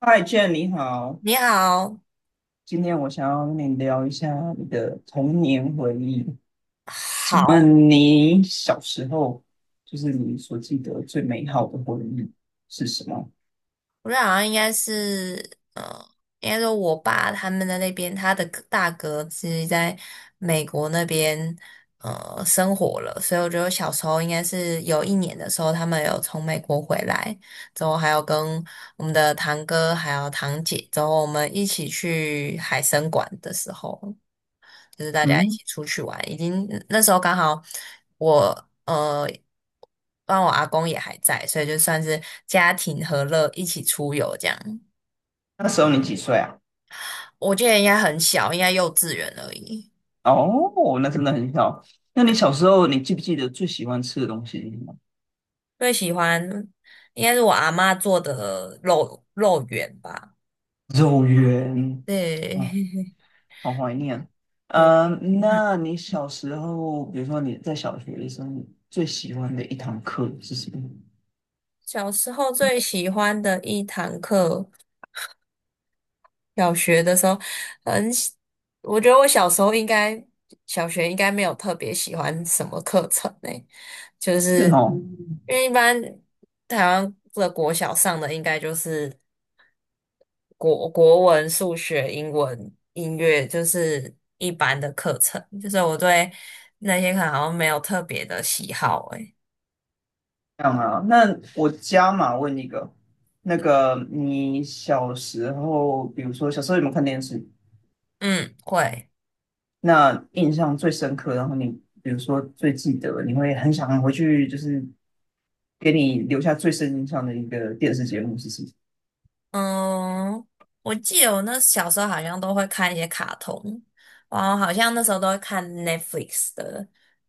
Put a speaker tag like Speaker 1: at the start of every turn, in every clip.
Speaker 1: 嗨，Jane，你好。
Speaker 2: 你好，
Speaker 1: 今天我想要跟你聊一下你的童年回忆。请
Speaker 2: 好，
Speaker 1: 问你小时候，就是你所记得最美好的回忆是什么？
Speaker 2: 我觉得好像应该是，应该说我爸他们的那边，他的大哥是在美国那边，生活了，所以我觉得我小时候应该是有一年的时候，他们有从美国回来，之后还有跟我们的堂哥还有堂姐，之后我们一起去海参馆的时候，就是大家一
Speaker 1: 嗯，
Speaker 2: 起出去玩，已经那时候刚好我。呃。当然我阿公也还在，所以就算是家庭和乐一起出游这样。
Speaker 1: 那时候你几岁啊？
Speaker 2: 我记得应该很小，应该幼稚园而已。
Speaker 1: 哦，那真的很小。那你
Speaker 2: 对，
Speaker 1: 小时候，你记不记得最喜欢吃的东西是什么？
Speaker 2: 最喜欢应该是我阿嬷做的肉圆吧。
Speaker 1: 肉圆。
Speaker 2: 对，
Speaker 1: 哦，好怀念。
Speaker 2: 对，
Speaker 1: 嗯，
Speaker 2: 嗯，
Speaker 1: 那你小时候，比如说你在小学的时候，你最喜欢的一堂课是什么？
Speaker 2: 小时候最喜欢的一堂课。小学的时候，很喜，我觉得我小时候应该，小学应该没有特别喜欢什么课程呢、就
Speaker 1: 是
Speaker 2: 是
Speaker 1: 哦。
Speaker 2: 因为一般台湾的国小上的应该就是国文、数学、英文、音乐，就是一般的课程，就是我对那些课好像没有特别的喜好诶、
Speaker 1: 这样啊，那我加码问一个，那个你小时候，比如说小时候有没有看电视？
Speaker 2: 嗯，会。
Speaker 1: 那印象最深刻，然后你比如说最记得，你会很想回去，就是给你留下最深印象的一个电视节目是什么？
Speaker 2: 嗯，我记得我那小时候好像都会看一些卡通，然后好像那时候都会看 Netflix 的，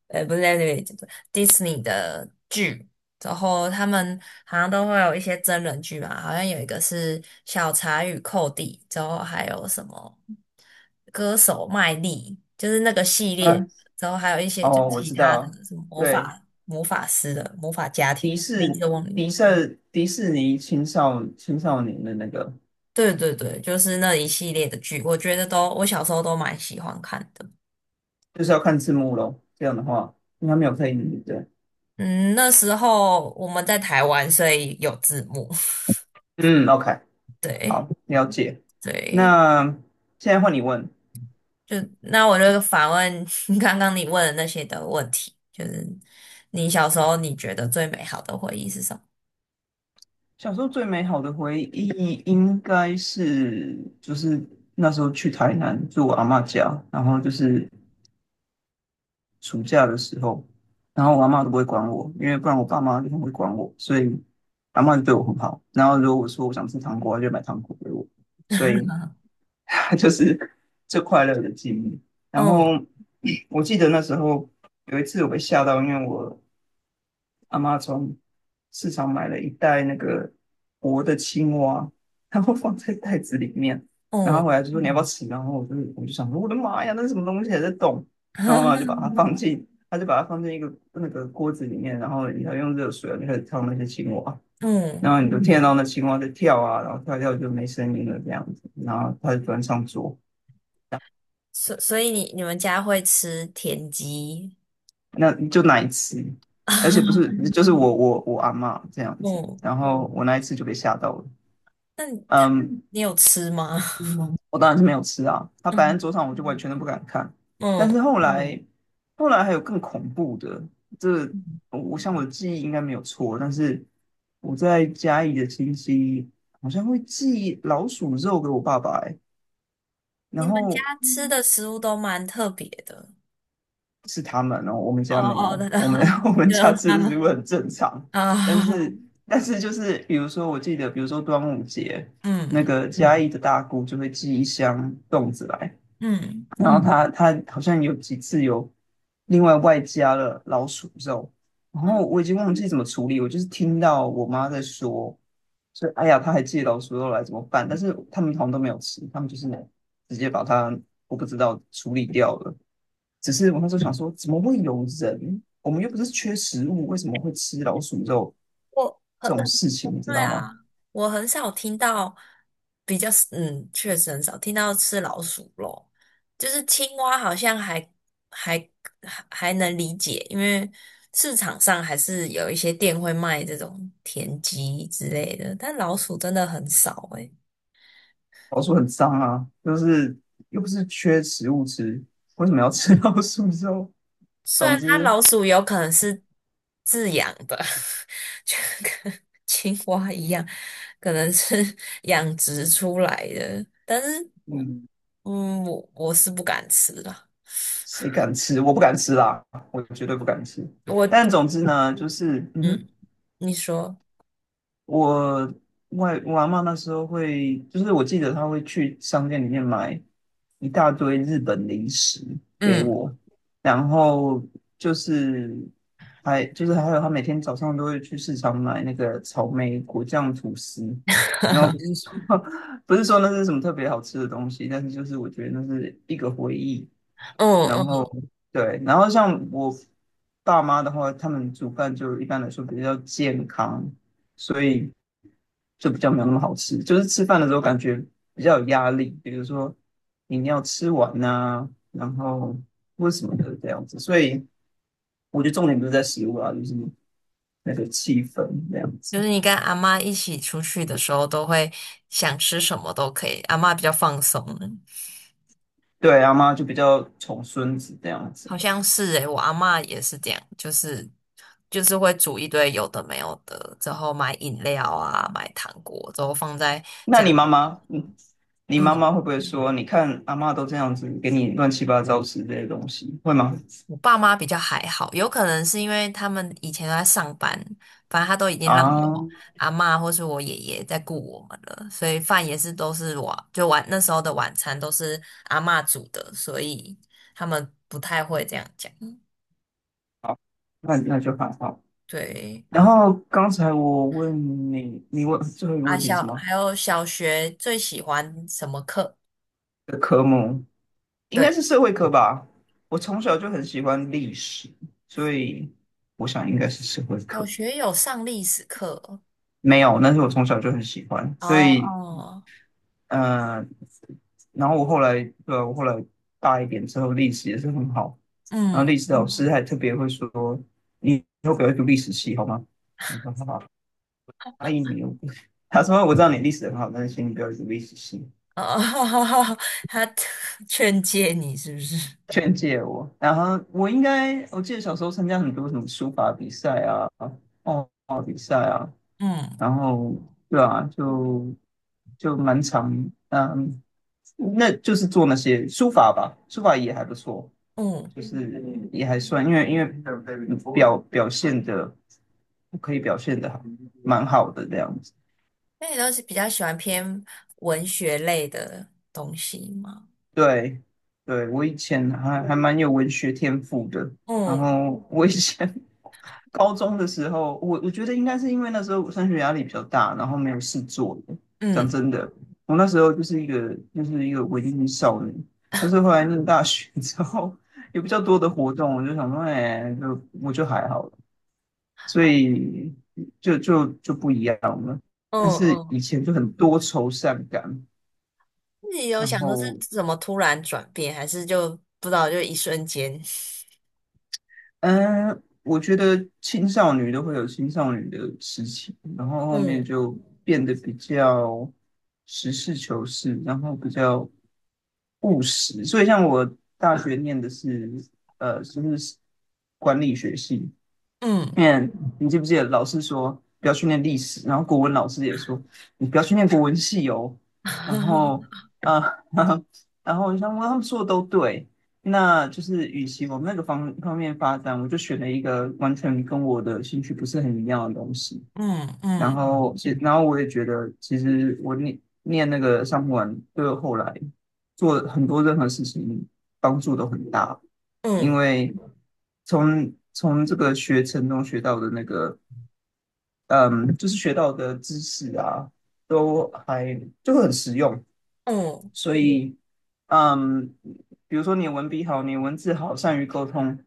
Speaker 2: 不是 Netflix，Disney 的剧，然后他们好像都会有一些真人剧吧，好像有一个是《小茶与寇弟》，之后还有什么歌手麦莉，就是那个系列，
Speaker 1: 啊，
Speaker 2: 之后还有一些就
Speaker 1: 哦，我
Speaker 2: 其
Speaker 1: 知
Speaker 2: 他
Speaker 1: 道，
Speaker 2: 的什么魔
Speaker 1: 对，
Speaker 2: 法魔法师的魔法家庭，
Speaker 1: 迪
Speaker 2: 名
Speaker 1: 士
Speaker 2: 字忘了。
Speaker 1: 迪士尼青少年的那个，
Speaker 2: 对对对，就是那一系列的剧，我觉得都我小时候都蛮喜欢看的。
Speaker 1: 就是要看字幕咯，这样的话，应该没有配音，对不对？
Speaker 2: 嗯，那时候我们在台湾，所以有字幕。
Speaker 1: 嗯，OK。
Speaker 2: 对
Speaker 1: 好，了解。
Speaker 2: 对，
Speaker 1: 那现在换你问，
Speaker 2: 就那我就反问 刚刚你问的那些的问题，就是你小时候你觉得最美好的回忆是什么？
Speaker 1: 小时候最美好的回忆应该是就是那时候去台南住我阿嬷家，然后就是暑假的时候，然后我阿嬷都不会管我，因为不然我爸妈就很会管我，所以阿嬷就对我很好。然后如果我说我想吃糖果，她就买糖果给我，所以 就是最快乐的记忆。然
Speaker 2: 嗯
Speaker 1: 后 我记得那时候有一次我被吓到，因为我阿妈从市场买了一袋那个活的青蛙，然后放在袋子里面，然
Speaker 2: 嗯
Speaker 1: 后回来就说你要不要吃？然后我就想说我的妈呀，那是什么东西还在动？然后妈就把 它放进，他就把它放进一个那个锅子里面，然后你要用热水啊，你开始烫那些青蛙，
Speaker 2: 嗯，
Speaker 1: 然后你就听得到那青蛙在跳啊，然后跳一跳就没声音了这样子，然后她就端上桌，
Speaker 2: 所以你们家会吃田鸡？
Speaker 1: 那就难吃。而且不是，就是我阿嬷这样子，
Speaker 2: 嗯，
Speaker 1: 然后我那一次就被吓到了。
Speaker 2: 那你他
Speaker 1: 嗯，
Speaker 2: 你有吃吗？
Speaker 1: 嗯，我当然是没有吃啊，它摆
Speaker 2: 嗯
Speaker 1: 在桌上，我就完全都不敢看。但是后来，后来还有更恐怖的，这个
Speaker 2: 嗯。
Speaker 1: 我想我的记忆应该没有错，但是我在嘉义的亲戚好像会寄老鼠肉给我爸爸、欸，
Speaker 2: 你
Speaker 1: 然
Speaker 2: 们家
Speaker 1: 后
Speaker 2: 吃的食物都蛮特别的。
Speaker 1: 是他们哦，我们
Speaker 2: 哦
Speaker 1: 家没
Speaker 2: 哦，对
Speaker 1: 有，
Speaker 2: 的，
Speaker 1: 我们 我们
Speaker 2: 就
Speaker 1: 家
Speaker 2: 他
Speaker 1: 吃的
Speaker 2: 们
Speaker 1: 食物很正常，但
Speaker 2: 啊，
Speaker 1: 是但是就是比如说，我记得比如说端午节，那
Speaker 2: 嗯
Speaker 1: 个嘉义的大姑就会寄一箱粽子来。
Speaker 2: 嗯，
Speaker 1: 然后他好像有几次有另外外加了老鼠肉，然后
Speaker 2: 嗯
Speaker 1: 我已经忘记怎么处理，我就是听到我妈在说，说哎呀，她还借老鼠肉来怎么办？但是他们好像都没有吃，他们就是直接把它我不知道处理掉了。只是我那时候想说，怎么会有人？我们又不是缺食物，为什么会吃老鼠肉
Speaker 2: 我很
Speaker 1: 这种事情，你知
Speaker 2: 对
Speaker 1: 道吗？
Speaker 2: 啊，我很少听到比较，嗯，确实很少听到吃老鼠肉，就是青蛙好像还还能理解，因为市场上还是有一些店会卖这种田鸡之类的，但老鼠真的很少诶、
Speaker 1: 老鼠很脏啊，就是又不是缺食物吃，为什么要吃老鼠肉？
Speaker 2: 虽
Speaker 1: 总
Speaker 2: 然它
Speaker 1: 之，
Speaker 2: 老鼠有可能是自养的，就跟青蛙一样，可能是 养殖出来的，但是
Speaker 1: 嗯，
Speaker 2: 嗯，我是不敢吃的。
Speaker 1: 谁敢吃？我不敢吃啦，我绝对不敢吃。
Speaker 2: 我，
Speaker 1: 但总之呢，就是，嗯哼，
Speaker 2: 嗯，你说，
Speaker 1: 我我阿嬷那时候会，就是我记得她会去商店里面买一大堆日本零食给
Speaker 2: 嗯，
Speaker 1: 我，然后就是还有她每天早上都会去市场买那个草莓果酱吐司，然后不是 说 不是说那是什么特别好吃的东西，但是就是我觉得那是一个回忆。
Speaker 2: 嗯
Speaker 1: 然
Speaker 2: 嗯，
Speaker 1: 后对，然后像我爸妈的话，他们煮饭就一般来说比较健康，所以就比较没有那么好吃。就是吃饭的时候感觉比较有压力，比如说你要吃完呐、然后或什么的这样子。所以我觉得重点不是在食物啊，就是那个气氛这样
Speaker 2: 就
Speaker 1: 子。
Speaker 2: 是你跟阿妈一起出去的时候，都会想吃什么都可以，阿妈比较放松。
Speaker 1: 对，阿妈就比较宠孙子这样子。
Speaker 2: 好像是诶，我阿嬷也是这样，就是会煮一堆有的没有的，之后买饮料啊，买糖果，之后放在
Speaker 1: 那
Speaker 2: 家。
Speaker 1: 你妈妈，你你妈
Speaker 2: 嗯，
Speaker 1: 妈会不会说，你看阿妈都这样子给你乱七八糟吃这些东西，会吗？
Speaker 2: 我爸妈比较还好，有可能是因为他们以前都在上班，反正他都已经让
Speaker 1: 啊，
Speaker 2: 我阿嬷或是我爷爷在顾我们了，所以饭也是都是我就晚那时候的晚餐都是阿嬷煮的，所以他们不太会这样讲。
Speaker 1: 好，那那就还好。
Speaker 2: 对，
Speaker 1: 然后刚才我问你，你问最后一个问题是什么？
Speaker 2: 还有小学最喜欢什么课？
Speaker 1: 的科目应该
Speaker 2: 对，
Speaker 1: 是社会科吧？我从小就很喜欢历史，所以我想应该是社会
Speaker 2: 小
Speaker 1: 科。
Speaker 2: 学有上历史课
Speaker 1: 没有，但是我从小就很喜欢，
Speaker 2: 哦，
Speaker 1: 所以
Speaker 2: 哦，
Speaker 1: 呃，然后我后来对啊我后来大一点之后，历史也是很好。然后
Speaker 2: 嗯，
Speaker 1: 历史老师还特别会说：“你以后不要读历史系好吗？”我说：“好吧。”阿姨没有，他说：“我知道你历史很好，但是请你不要读历史系。”
Speaker 2: 哦，他劝诫你是不是？
Speaker 1: 劝诫我，然后我应该，我记得小时候参加很多什么书法比赛啊、画画比赛啊，
Speaker 2: 嗯
Speaker 1: 然后对啊，就就蛮长，嗯，那就是做那些书法吧，书法也还不错，
Speaker 2: 嗯，
Speaker 1: 就是也还算，因为表现的可以表现的蛮好的这样子，
Speaker 2: 那你都是比较喜欢偏文学类的东西吗？
Speaker 1: 对对，我以前还蛮有文学天赋的，然
Speaker 2: 嗯
Speaker 1: 后我以前高中的时候，我觉得应该是因为那时候我升学压力比较大，然后没有事做。讲
Speaker 2: 嗯
Speaker 1: 真的，我那时候就是一个文艺少女，但是后来念大学之后，有比较多的活动，我就想说，哎，就我就还好了，所以就不一样了。但
Speaker 2: 嗯
Speaker 1: 是
Speaker 2: 嗯，
Speaker 1: 以前就很多愁善感，
Speaker 2: 自己有
Speaker 1: 然
Speaker 2: 想说是
Speaker 1: 后
Speaker 2: 怎么突然转变，还是就不知道就一瞬间？
Speaker 1: 嗯，我觉得青少女都会有青少女的事情，然后后面
Speaker 2: 嗯
Speaker 1: 就变得比较实事求是，然后比较务实。所以像我大学念的是呃，就是管理学系，
Speaker 2: 嗯
Speaker 1: 念，你记不记得老师说不要去念历史，然后国文老师也说你不要去念国文系哦。然后，啊，然后，然后我想说他们说的都对，那就是与其往那个方方面发展，我就选了一个完全跟我的兴趣不是很一样的东西。
Speaker 2: 嗯
Speaker 1: 然
Speaker 2: 嗯
Speaker 1: 后其然后我也觉得，其实我念那个上普丸，对我后来做很多任何事情帮助都很大，因
Speaker 2: 嗯
Speaker 1: 为从这个学程中学到的那个，嗯，就是学到的知识啊，都还就很实用，
Speaker 2: 嗯，
Speaker 1: 所以，嗯，比如说你文笔好，你文字好，善于沟通，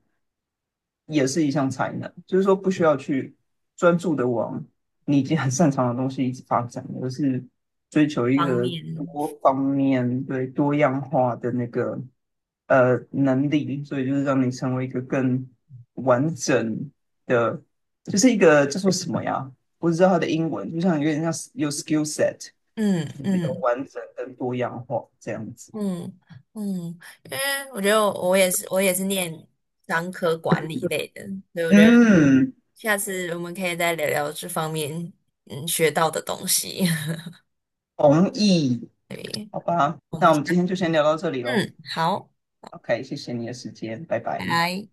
Speaker 1: 也是一项才能，就是说不需要去专注的往你已经很擅长的东西一直发展，而是追求一
Speaker 2: 方
Speaker 1: 个
Speaker 2: 面，
Speaker 1: 多方面对多样化的那个呃能力，所以就是让你成为一个更完整的，就是一个叫做什么呀？我只知道它的英文，就像有点像有 skill set，
Speaker 2: 嗯
Speaker 1: 就是比较
Speaker 2: 嗯。
Speaker 1: 完整跟多样化这样子。
Speaker 2: 嗯嗯，因为我觉得我也是，我也是念商科管理类的，所以我觉得
Speaker 1: 嗯，
Speaker 2: 下次我们可以再聊聊这方面学到的东西。
Speaker 1: 同意，好吧，
Speaker 2: 我
Speaker 1: 那
Speaker 2: 们
Speaker 1: 我
Speaker 2: 下，
Speaker 1: 们今天就先聊到这里喽。
Speaker 2: 嗯，好，
Speaker 1: OK，谢谢你的时间，拜
Speaker 2: 拜
Speaker 1: 拜。
Speaker 2: 拜。